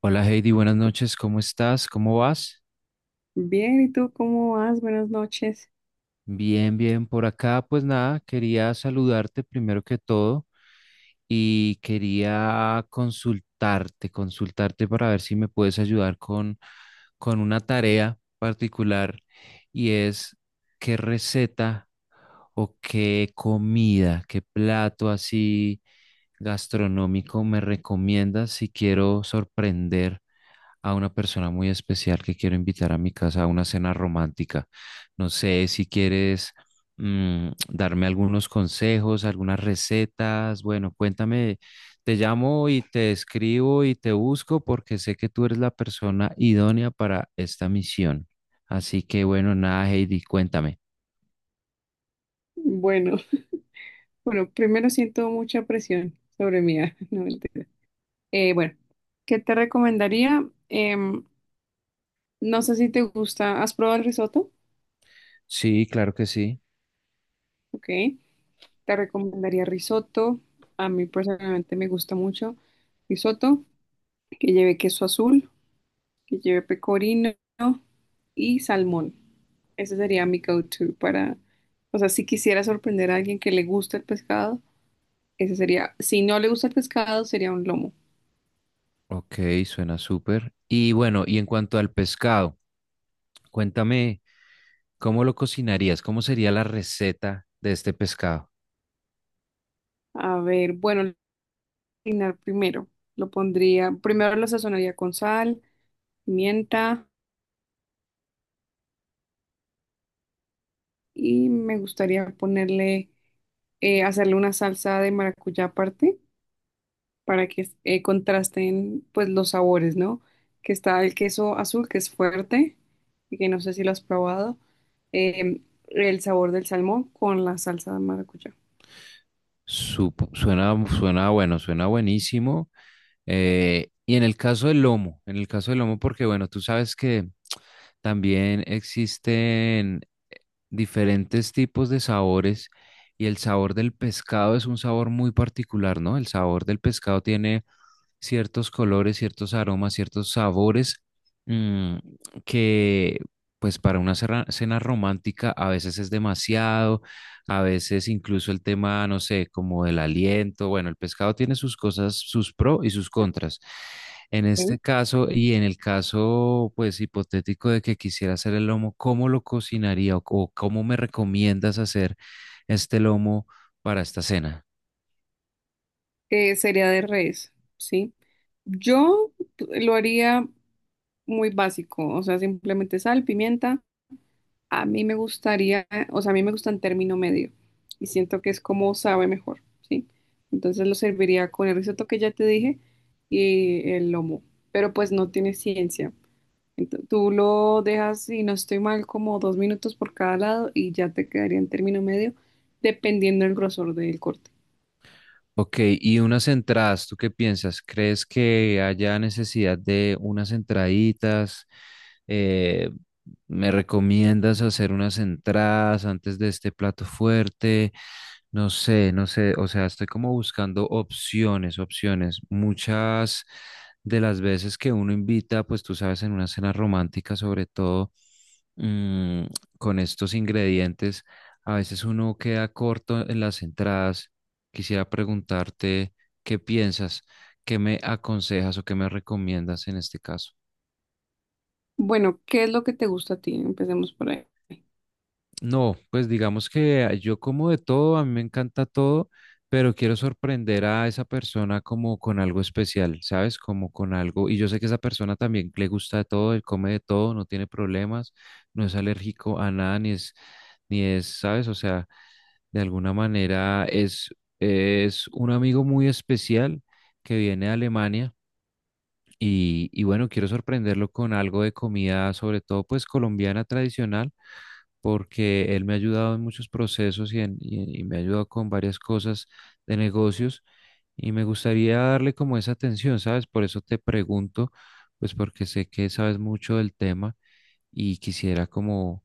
Hola Heidi, buenas noches, ¿cómo estás? ¿Cómo vas? Bien, ¿y tú cómo vas? Buenas noches. Bien, bien, por acá. Pues nada, quería saludarte primero que todo y quería consultarte para ver si me puedes ayudar con una tarea particular y es qué receta o qué comida, qué plato así gastronómico me recomiendas si quiero sorprender a una persona muy especial que quiero invitar a mi casa a una cena romántica. No sé si quieres darme algunos consejos, algunas recetas. Bueno, cuéntame, te llamo y te escribo y te busco porque sé que tú eres la persona idónea para esta misión. Así que bueno, nada, Heidi, cuéntame. Bueno, bueno, primero siento mucha presión sobre mí. No, mentira. Bueno, ¿qué te recomendaría? No sé si te gusta. ¿Has probado el risotto? Sí, claro que sí. Ok. Te recomendaría risotto. A mí personalmente me gusta mucho risotto, que lleve queso azul, que lleve pecorino y salmón. Ese sería mi go-to para, o sea, si quisiera sorprender a alguien que le gusta el pescado. Ese sería, si no le gusta el pescado, sería un lomo. Ok, suena súper. Y bueno, y en cuanto al pescado, cuéntame, ¿cómo lo cocinarías? ¿Cómo sería la receta de este pescado? A ver, bueno, cocinar primero. Lo pondría, primero lo sazonaría con sal, pimienta y me gustaría ponerle, hacerle una salsa de maracuyá aparte para que contrasten pues los sabores, ¿no? Que está el queso azul, que es fuerte, y que no sé si lo has probado, eh, el sabor del salmón con la salsa de maracuyá. Suena, suena bueno, suena buenísimo. Y en el caso del lomo, en el caso del lomo, porque bueno, tú sabes que también existen diferentes tipos de sabores y el sabor del pescado es un sabor muy particular, ¿no? El sabor del pescado tiene ciertos colores, ciertos aromas, ciertos sabores mm, que pues para una cena romántica a veces es demasiado, a veces incluso el tema, no sé, como el aliento, bueno, el pescado tiene sus cosas, sus pro y sus contras. En este caso y en el caso pues hipotético de que quisiera hacer el lomo, ¿cómo lo cocinaría o cómo me recomiendas hacer este lomo para esta cena? Sería de res, ¿sí? Yo lo haría muy básico, o sea, simplemente sal, pimienta. A mí me gustaría, o sea, a mí me gusta en término medio y siento que es como sabe mejor, ¿sí? Entonces lo serviría con el risotto que ya te dije y el lomo, pero pues no tiene ciencia. Tú lo dejas, y no estoy mal, como dos minutos por cada lado y ya te quedaría en término medio, dependiendo del grosor del corte. Ok, y unas entradas, ¿tú qué piensas? ¿Crees que haya necesidad de unas entraditas? Eh, ¿Me recomiendas hacer unas entradas antes de este plato fuerte? No sé, no sé, o sea, estoy como buscando opciones, opciones. Muchas de las veces que uno invita, pues tú sabes, en una cena romántica sobre todo mm, con estos ingredientes, a veces uno queda corto en las entradas. Quisiera preguntarte qué piensas, qué me aconsejas o qué me recomiendas en este caso. Bueno, ¿qué es lo que te gusta a ti? Empecemos por ahí. No, pues digamos que yo como de todo, a mí me encanta todo, pero quiero sorprender a esa persona como con algo especial, ¿sabes? Como con algo, y yo sé que esa persona también le gusta de todo, él come de todo, no tiene problemas, no es alérgico a nada, ni es, ¿sabes? O sea, de alguna manera es un amigo muy especial que viene de Alemania y bueno, quiero sorprenderlo con algo de comida, sobre todo pues colombiana tradicional, porque él me ha ayudado en muchos procesos y me ha ayudado con varias cosas de negocios y me gustaría darle como esa atención, ¿sabes? Por eso te pregunto, pues porque sé que sabes mucho del tema y quisiera como,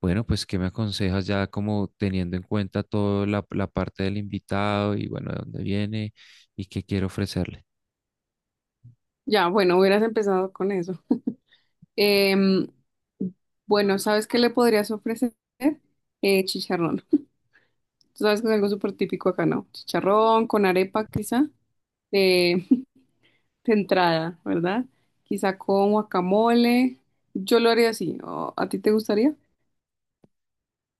bueno, pues ¿qué me aconsejas ya como teniendo en cuenta toda la parte del invitado y bueno, de dónde viene y qué quiero ofrecerle? Ya, bueno, hubieras empezado con eso. Em, bueno, ¿sabes qué le podrías ofrecer? Chicharrón. Tú sabes que es algo súper típico acá, ¿no? Chicharrón con arepa, quizá, eh, de entrada, ¿verdad? Quizá con guacamole. Yo lo haría así. ¿O ¿A ti te gustaría?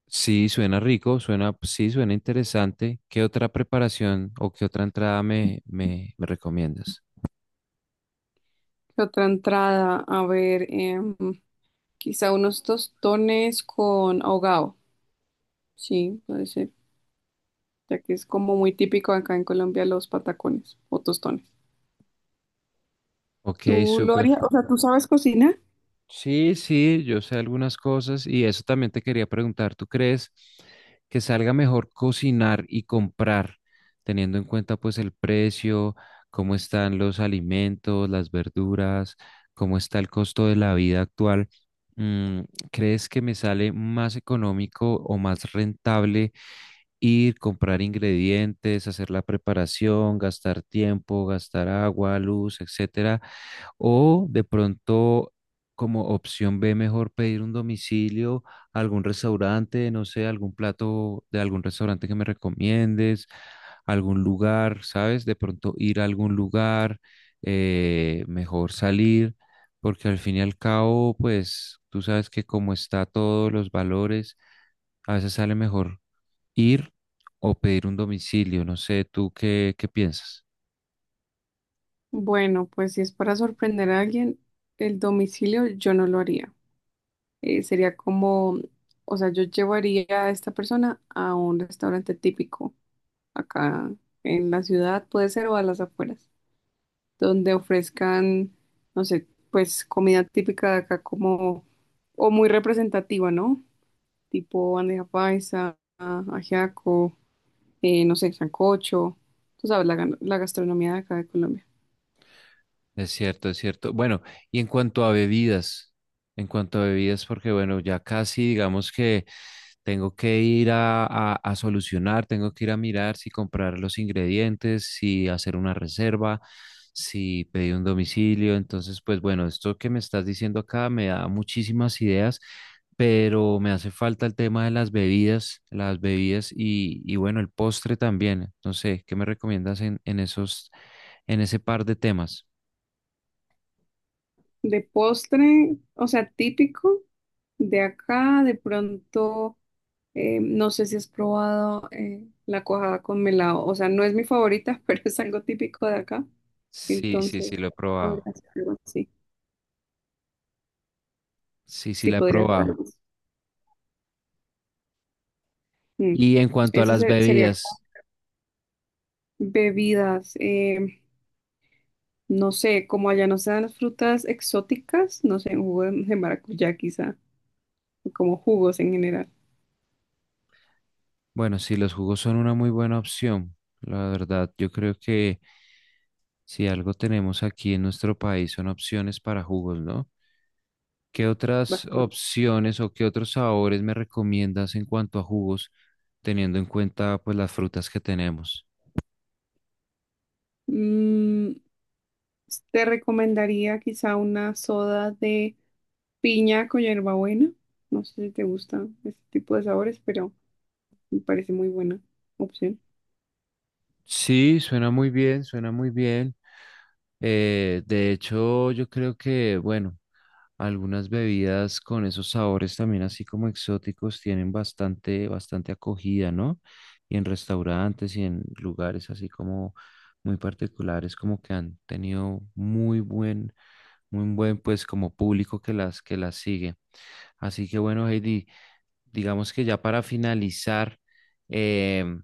Sí, suena rico, suena, sí, suena interesante. ¿Qué otra preparación o qué otra entrada me recomiendas? ¿Qué otra entrada, a ver, quizá unos tostones con ahogado. Sí, puede ser, ya que es como muy típico acá en Colombia los patacones o tostones. Ok, ¿Tú lo súper. harías? O sea, ¿tú sabes cocinar? Sí, sí, yo sé algunas cosas y eso también te quería preguntar. ¿Tú crees que salga mejor cocinar y comprar, teniendo en cuenta pues el precio, cómo están los alimentos, las verduras, cómo está el costo de la vida actual? Mm, ¿Crees que me sale más económico o más rentable? Ir, comprar ingredientes, hacer la preparación, gastar tiempo, gastar agua, luz, etcétera. O de pronto, como opción B, mejor pedir un domicilio a algún restaurante, no sé, algún plato de algún restaurante que me recomiendes, algún lugar, ¿sabes? De pronto ir a algún lugar, mejor salir. Porque al fin y al cabo, pues tú sabes que como está todos los valores, a veces sale mejor ir o pedir un domicilio. No sé, ¿tú qué piensas? Bueno, pues si es para sorprender a alguien, el domicilio yo no lo haría. Sería como, o sea, yo llevaría a esta persona a un restaurante típico acá en la ciudad, puede ser, o a las afueras, donde ofrezcan, no sé, pues comida típica de acá como, o muy representativa, ¿no? Tipo bandeja paisa, ajiaco, no sé, sancocho. Tú sabes, la, la gastronomía de acá de Colombia. Es cierto, es cierto. Bueno, y en cuanto a bebidas, en cuanto a bebidas, porque bueno, ya casi digamos que tengo que ir a solucionar, tengo que ir a mirar si comprar los ingredientes, si hacer una reserva, si pedir un domicilio. Entonces, pues bueno, esto que me estás diciendo acá me da muchísimas ideas, pero me hace falta el tema de las bebidas y bueno, el postre también. No sé, ¿qué me recomiendas en esos, en ese par de temas? De postre, o sea, típico de acá, de pronto, no sé si has probado la cuajada con melado, o sea, no es mi favorita, pero es algo típico de acá, Sí, sí, sí, entonces lo he probado. podría ser algo así, Sí, sí, sí, la he podría ser probado. algo así. Mm. Y en cuanto a las Sería bebidas. bebidas, no sé, como allá no se dan las frutas exóticas, no sé, un jugo de maracuyá quizá, o como jugos en general. Bueno, sí, los jugos son una muy buena opción. La verdad, yo creo que si algo tenemos aquí en nuestro país son opciones para jugos, ¿no? ¿Qué otras Va. opciones o qué otros sabores me recomiendas en cuanto a jugos, teniendo en cuenta pues las frutas que tenemos? Te recomendaría quizá una soda de piña con hierbabuena. No sé si te gusta este tipo de sabores, pero me parece muy buena opción. Sí, suena muy bien, suena muy bien. De hecho, yo creo que, bueno, algunas bebidas con esos sabores también así como exóticos tienen bastante, bastante acogida, ¿no? Y en restaurantes y en lugares así como muy particulares, como que han tenido muy buen pues como público que que las sigue. Así que bueno, Heidi, digamos que ya para finalizar, em,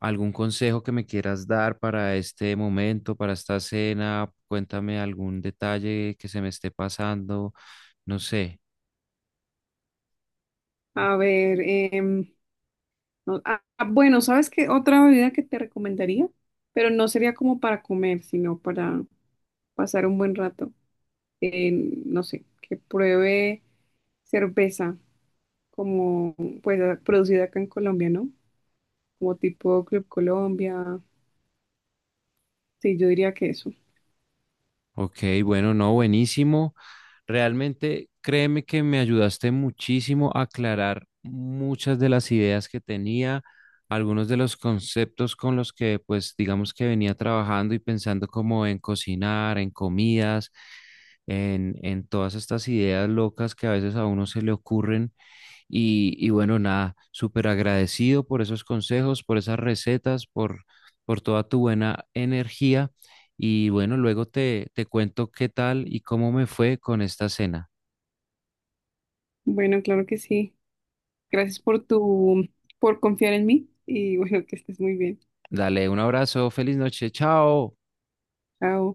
algún consejo que me quieras dar para este momento, para esta cena, cuéntame algún detalle que se me esté pasando, no sé. A ver, bueno, ¿sabes qué? Otra bebida que te recomendaría, pero no sería como para comer, sino para pasar un buen rato. En, no sé, que pruebe cerveza como pues producida acá en Colombia, ¿no? Como tipo Club Colombia. Sí, yo diría que eso. Ok, bueno, no, buenísimo. Realmente créeme que me ayudaste muchísimo a aclarar muchas de las ideas que tenía, algunos de los conceptos con los que pues digamos que venía trabajando y pensando como en cocinar, en comidas, en todas estas ideas locas que a veces a uno se le ocurren. Y bueno, nada, súper agradecido por esos consejos, por esas recetas, por toda tu buena energía. Y bueno, luego te cuento qué tal y cómo me fue con esta cena. Bueno, claro que sí. Gracias por tu, por confiar en mí y bueno, que estés muy bien. Dale un abrazo, feliz noche, chao. Chao.